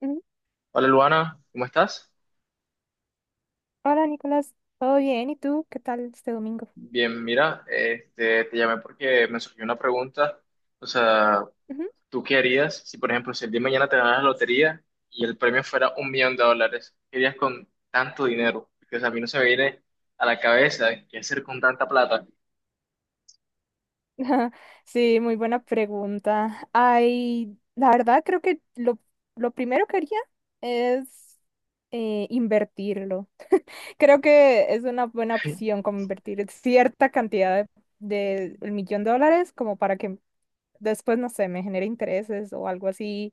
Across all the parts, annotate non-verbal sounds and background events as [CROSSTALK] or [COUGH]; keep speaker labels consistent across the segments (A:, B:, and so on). A: Ujú.
B: Hola Luana, ¿cómo estás?
A: Hola Nicolás, ¿todo bien? ¿Y tú? ¿Qué tal este domingo?
B: Bien, mira, te llamé porque me surgió una pregunta. O sea,
A: Ujú.
B: ¿tú qué harías si, por ejemplo, si el día de mañana te ganas la lotería y el premio fuera un millón de dólares? ¿Qué harías con tanto dinero? Porque, o sea, a mí no se me viene a la cabeza qué hacer con tanta plata.
A: [LAUGHS] Sí, muy buena pregunta. Ay, la verdad creo que lo primero que haría es invertirlo. [LAUGHS] Creo que es una buena
B: [LAUGHS]
A: opción como invertir cierta cantidad del millón de dólares como para que después, no sé, me genere intereses o algo así.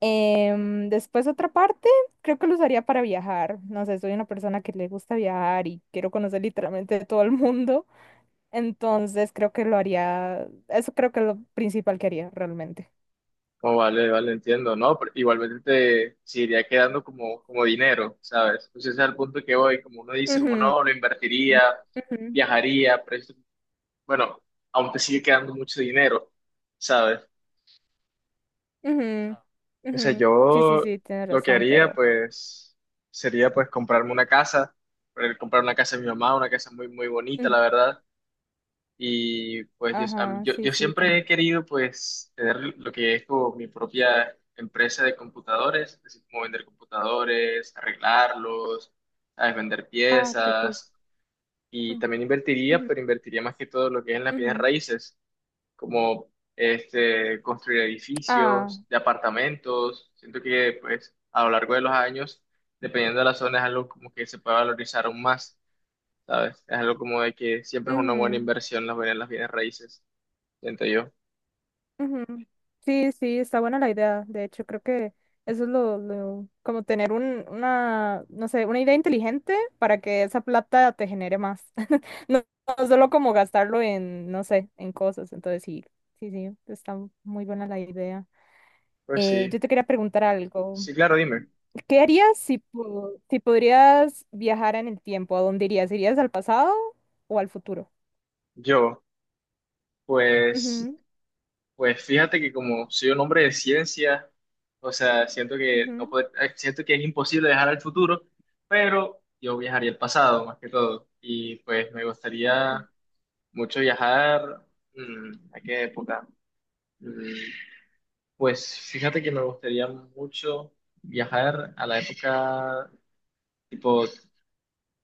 A: Después otra parte, creo que lo usaría para viajar. No sé, soy una persona que le gusta viajar y quiero conocer literalmente todo el mundo. Entonces creo que lo haría, eso creo que es lo principal que haría realmente.
B: Oh, vale, vale, entiendo, ¿no? Pero igualmente te seguiría quedando como dinero, ¿sabes? Entonces ese es el punto que voy, como uno dice, como
A: Ujú,
B: no, lo invertiría,
A: ujú,
B: viajaría, pero bueno, aún te sigue quedando mucho dinero, ¿sabes?
A: ujú,
B: O sea,
A: ujú. Sí, sí,
B: yo
A: sí, tienes
B: lo que
A: razón,
B: haría,
A: pero...
B: pues, sería, pues, comprarme una casa, comprar una casa de mi mamá, una casa muy, muy bonita, la
A: ujú,
B: verdad. Y, pues, yo, a mí-
A: ajá,
B: yo,
A: sí,
B: yo
A: sí,
B: siempre he
A: también.
B: querido, pues, tener lo que es como mi propia empresa de computadores, es decir, como vender computadores, arreglarlos, ¿sabes? Vender
A: Ah, qué cool.
B: piezas. Y
A: Mm,
B: también invertiría,
A: ujú,
B: pero invertiría más que todo lo que es en las bienes
A: ujú.
B: raíces. Como este, construir
A: Ah,
B: edificios de apartamentos. Siento que pues a lo largo de los años, dependiendo de la zona, es algo como que se puede valorizar aún más, ¿sabes? Es algo como de que siempre es una buena
A: ujú.
B: inversión las bienes raíces, siento yo.
A: Ujú. Sí, sí, está buena la idea. De hecho, creo que eso es como tener una, no sé, una idea inteligente para que esa plata te genere más. [LAUGHS] No, no solo como gastarlo en, no sé, en cosas. Entonces, sí, sí, sí, está muy buena la idea.
B: Pues
A: Eh,
B: sí,
A: yo te quería preguntar algo.
B: sí, claro, dime.
A: ¿Qué harías si, si podrías viajar en el tiempo? ¿A dónde irías? ¿Irías al pasado o al futuro?
B: Yo, pues,
A: Ujú,
B: pues fíjate que como soy un hombre de ciencia, o sea, siento que
A: ujú,
B: no pod- siento que es imposible viajar al futuro, pero yo viajaría al pasado más que todo. Y pues me
A: ok.
B: gustaría mucho viajar, mm, ¿a qué época? Mm, Pues fíjate que me gustaría mucho viajar a la época tipo.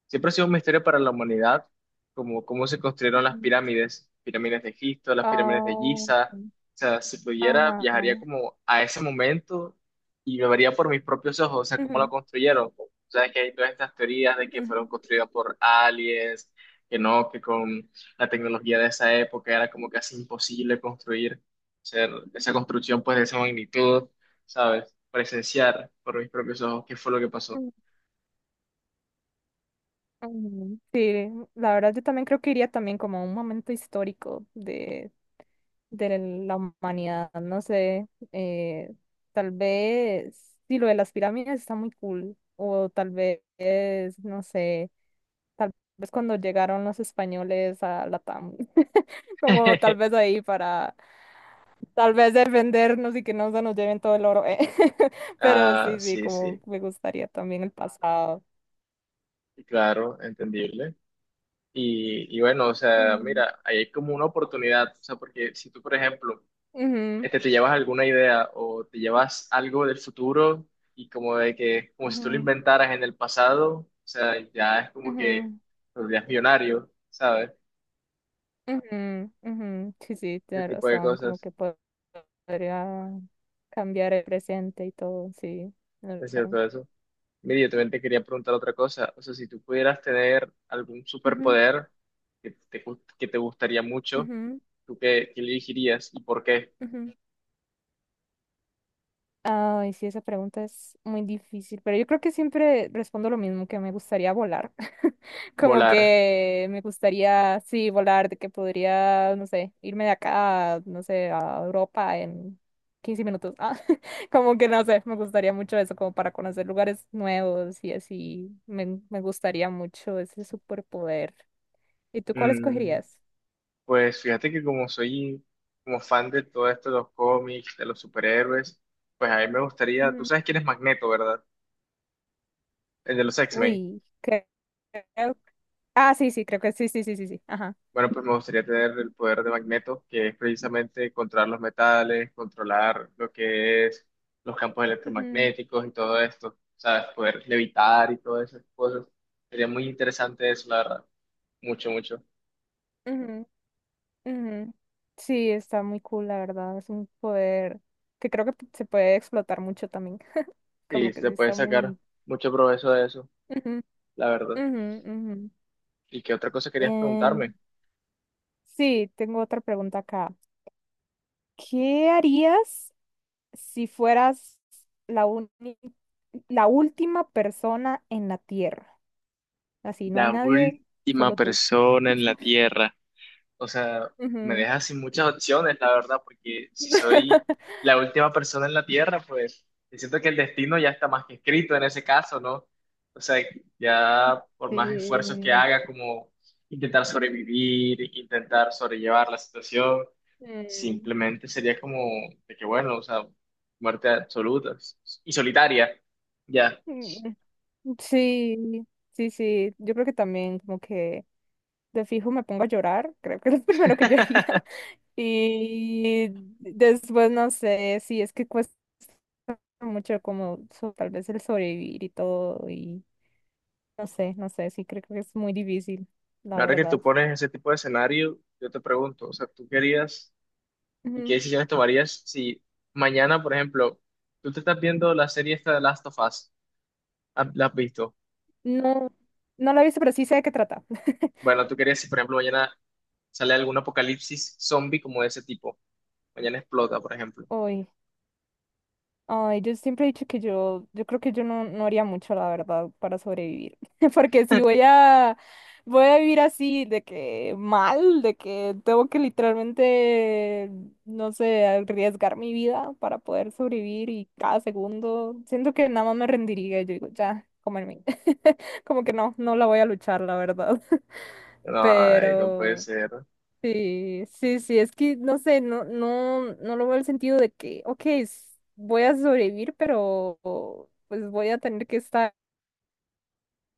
B: Siempre ha sido un misterio para la humanidad, como cómo se construyeron las
A: Ujú.
B: pirámides, pirámides de Egipto, las pirámides de
A: Ah,
B: Giza. O
A: sí.
B: sea, si pudiera,
A: Ajá.
B: viajaría como a ese momento y lo vería por mis propios ojos, o sea, cómo lo
A: Ujú,
B: construyeron. O sea, que hay todas estas teorías de que fueron
A: ujú,
B: construidas por aliens, que no, que con la tecnología de esa época era como casi imposible construir, hacer esa construcción pues de esa magnitud, ¿sabes? Presenciar por mis propios ojos qué fue lo que pasó.
A: ujú, ujú. Sí, la verdad yo también creo que iría también como a un momento histórico de la humanidad, no sé, tal vez, sí, lo de las pirámides está muy cool, o tal vez, no sé, tal vez cuando llegaron los españoles a Latam, [LAUGHS] como
B: [LAUGHS]
A: tal vez ahí para, tal vez defendernos y que no se nos lleven todo el oro. [LAUGHS] Pero
B: Ah,
A: sí, sí,
B: sí,
A: como
B: sí.
A: me gustaría también el pasado.
B: Y claro, entendible. Y bueno, o sea,
A: Mm,
B: mira, ahí hay como una oportunidad, o sea, porque si tú, por ejemplo,
A: ujú.
B: este, te llevas alguna idea o te llevas algo del futuro y como de que, como si tú lo
A: Ujú,
B: inventaras en el pasado, o sea, ya es como que
A: ujú,
B: serías millonario, ¿sabes?
A: ujú, ujú. Sí, sí,
B: Ese
A: tienes
B: tipo de
A: razón, como
B: cosas,
A: que podría cambiar el presente y todo, sí, tienes
B: es
A: razón.
B: cierto eso. Mira, yo también te quería preguntar otra cosa, o sea, si tú pudieras tener algún
A: Ujú,
B: superpoder que te gustaría mucho,
A: ujú,
B: ¿tú qué elegirías y por qué?
A: ujú. Ay, sí, esa pregunta es muy difícil, pero yo creo que siempre respondo lo mismo, que me gustaría volar. [LAUGHS] Como
B: Volar.
A: que me gustaría, sí, volar, de que podría, no sé, irme de acá, no sé, a Europa en 15 minutos. Ah, [LAUGHS] como que no sé, me gustaría mucho eso, como para conocer lugares nuevos y así. Me gustaría mucho ese superpoder. ¿Y tú cuál
B: Mm,
A: escogerías?
B: pues fíjate que como soy como fan de todo esto de los cómics, de los superhéroes, pues a mí me gustaría, tú
A: Mm,
B: sabes quién es Magneto, ¿verdad? El de los X-Men.
A: uy, creo. Ah, sí, sí, creo que sí, sí, sí, sí, sí. Ajá.
B: Bueno, pues me gustaría tener el poder de Magneto, que es precisamente controlar los metales, controlar lo que es los campos electromagnéticos y todo esto, ¿sabes? Poder levitar y todas esas cosas. Sería muy interesante eso, la verdad. Mucho, mucho.
A: Ujú, ujú. Sí, está muy cool, la verdad. Es un poder que creo que se puede explotar mucho también. [LAUGHS]
B: Y
A: Como que
B: se
A: sí
B: puede
A: está
B: sacar
A: muy...
B: mucho provecho de eso,
A: Ujú,
B: la verdad.
A: ujú, ujú.
B: ¿Y qué otra cosa querías
A: Em,
B: preguntarme?
A: sí, tengo otra pregunta acá. ¿Qué harías si fueras la uni- la última persona en la Tierra? Así, no hay
B: La
A: nadie,
B: última
A: solo tú.
B: persona en la Tierra. O sea, me
A: Ujú.
B: deja sin muchas opciones, la verdad, porque si soy
A: [LAUGHS]
B: la última persona en la Tierra, pues yo siento que el destino ya está más que escrito en ese caso, ¿no? O sea, ya por más esfuerzos que
A: Sí.
B: haga, como intentar sobrevivir, intentar sobrellevar la situación,
A: Mm.
B: simplemente sería como de que, bueno, o sea, muerte absoluta y solitaria, ya.
A: [LAUGHS] Mm, sí, sí, sí. Yo creo que también como que de fijo me pongo a llorar, creo que es lo [LAUGHS] primero que yo haría. [LAUGHS] Y después no sé, sí, es que cuesta mucho como tal vez el sobrevivir y todo y no sé, no sé, sí, creo que es muy difícil, la
B: Ahora que tú
A: verdad.
B: pones ese tipo de escenario, yo te pregunto, o sea, ¿tú querías y qué
A: Ujú.
B: decisiones tomarías si mañana, por ejemplo, tú te estás viendo la serie esta de Last of Us, la has visto?
A: No, no la he visto, pero sí sé de qué trata. [LAUGHS]
B: Bueno, ¿tú querías si, por ejemplo, mañana sale algún apocalipsis zombie como de ese tipo? Mañana explota, por ejemplo.
A: Uy. Ay, yo siempre he dicho que yo, creo que yo no haría mucho, la verdad, para sobrevivir. [LAUGHS] Porque si voy a vivir así, de que mal, de que tengo que literalmente, no sé, arriesgar mi vida para poder sobrevivir y cada segundo, siento que nada más me rendiría. Yo digo, ya, comerme. [LAUGHS] Como que no, no la voy a luchar, la verdad. [LAUGHS]
B: Ay, no puede
A: Pero.
B: ser.
A: Sí, sí, sí, es que no sé, no, no, no lo veo el sentido de que, ok, voy a sobrevivir, pero pues voy a tener que estar,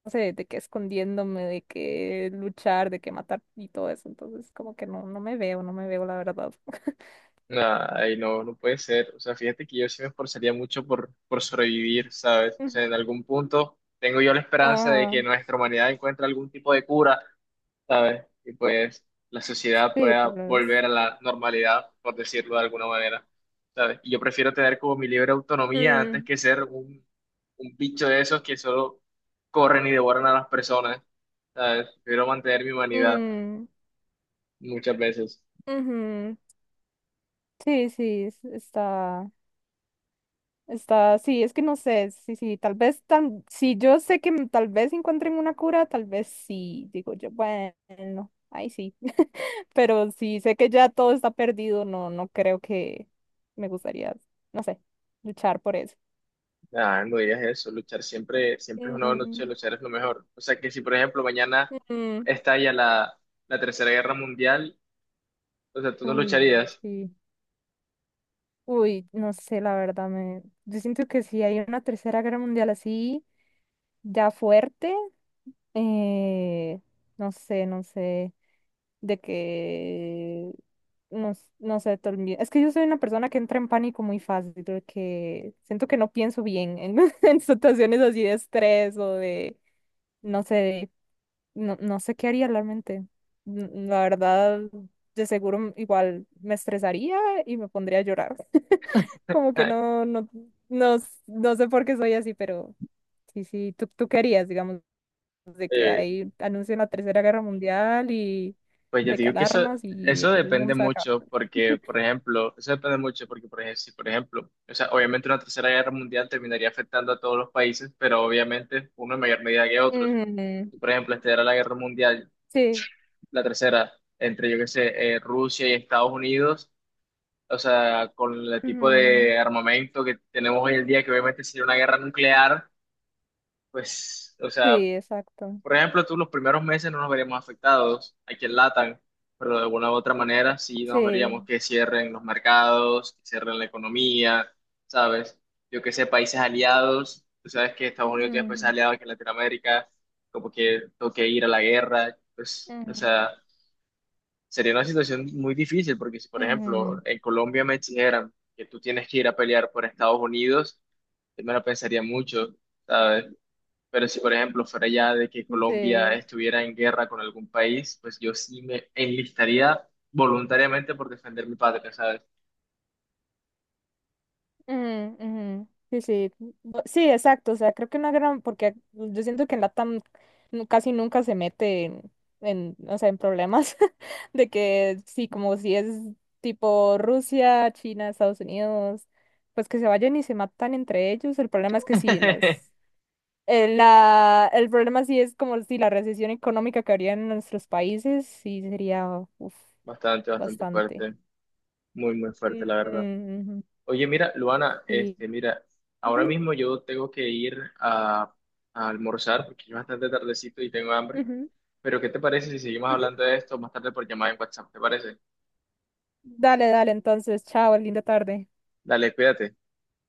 A: no sé, de que escondiéndome, de que luchar, de que matar y todo eso. Entonces, como que no, no me veo, no me veo, la verdad. [LAUGHS]
B: Ay, no, no puede ser. O sea, fíjate que yo sí me esforzaría mucho por sobrevivir, ¿sabes? O
A: Ujú.
B: sea, en algún punto tengo yo la esperanza de que
A: Ajá,
B: nuestra humanidad encuentre algún tipo de cura, ¿sabes? Y pues la sociedad
A: sí, tal
B: pueda
A: vez.
B: volver a la normalidad, por decirlo de alguna manera, ¿sabes? Y yo prefiero tener como mi libre autonomía antes
A: Mm,
B: que ser un bicho de esos que solo corren y devoran a las personas, ¿sabes? Prefiero mantener mi humanidad
A: mm,
B: muchas veces.
A: ujú. Sí, sí, está. Está, sí, es que no sé, sí, sí, tal vez, tan, si yo sé que tal vez encuentren una cura, tal vez sí, digo yo, bueno, ahí sí, [LAUGHS] pero si sé que ya todo está perdido, no, no creo que me gustaría, no sé, luchar por eso.
B: Ah, no digas eso, luchar siempre, siempre es una buena noche,
A: Mm,
B: luchar es lo mejor. O sea que si, por ejemplo, mañana
A: mm,
B: estalla la Tercera Guerra Mundial, o sea, tú no
A: uy,
B: lucharías.
A: sí, uy, no sé, la verdad, yo siento que si hay una tercera guerra mundial así, ya fuerte, eh, no sé, no sé. De que no, no sé, es que yo soy una persona que entra en pánico muy fácil, de que siento que no pienso bien en, [LAUGHS] en situaciones así de estrés o de, no sé, no, no sé qué haría realmente. La verdad, de seguro igual me estresaría y me pondría a llorar. [LAUGHS] Como que no,
B: [LAUGHS]
A: no, no, no sé por qué soy así, pero sí, sí, tú querías, digamos de que ahí anuncian la Tercera Guerra Mundial y
B: Pues yo
A: de que
B: digo que eso,
A: alarmas y de
B: eso
A: que el
B: depende
A: mundo se va a acabar.
B: mucho porque, por ejemplo, eso depende mucho porque, por ejemplo, si, por ejemplo, o sea, obviamente una tercera guerra mundial terminaría afectando a todos los países, pero obviamente uno en mayor medida que otros.
A: Mm,
B: Si, por ejemplo, esta era la guerra mundial,
A: sí,
B: la tercera, entre, yo qué sé, Rusia y Estados Unidos, o sea, con el tipo
A: ujú,
B: de armamento que tenemos hoy en día, que obviamente sería una guerra nuclear, pues, o sea,
A: sí, exacto.
B: por ejemplo, tú los primeros meses no nos veríamos afectados aquí en LATAM, pero de alguna u otra
A: Mm.
B: manera sí nos veríamos
A: Sí.
B: que cierren los mercados, que cierren la economía, ¿sabes? Yo que sé, países aliados, tú sabes que Estados Unidos tiene países
A: Ujú,
B: aliados aquí en Latinoamérica, como que toque ir a la guerra, pues, o
A: ujú,
B: sea, sería una situación muy difícil, porque si, por ejemplo,
A: ujú,
B: en Colombia me dijeran que tú tienes que ir a pelear por Estados Unidos, yo me lo pensaría mucho, ¿sabes? Pero si, por ejemplo, fuera ya de que Colombia
A: sí,
B: estuviera en guerra con algún país, pues yo sí me enlistaría voluntariamente por defender mi patria, ¿sabes?
A: ujú, ujú. Sí, sí, sí, exacto, o sea, creo que una gran, porque yo siento que en LATAM casi nunca se mete en, o sea, en problemas [LAUGHS] de que sí, como si es tipo Rusia, China, Estados Unidos, pues que se vayan y se matan entre ellos, el problema es que sí,
B: [LAUGHS]
A: el problema sí es como si la recesión económica que habría en nuestros países, sí sería, uf,
B: Bastante, bastante
A: bastante.
B: fuerte, muy, muy fuerte,
A: Ujú,
B: la verdad.
A: ujú.
B: Oye, mira, Luana,
A: Sí.
B: mira, ahora
A: Ujú,
B: mismo yo tengo que ir a almorzar porque es bastante tardecito y tengo hambre. Pero, ¿qué te parece si seguimos
A: ujú.
B: hablando de esto más tarde por llamada en WhatsApp? ¿Te parece?
A: Dale, dale, entonces, chao, linda tarde.
B: Dale, cuídate.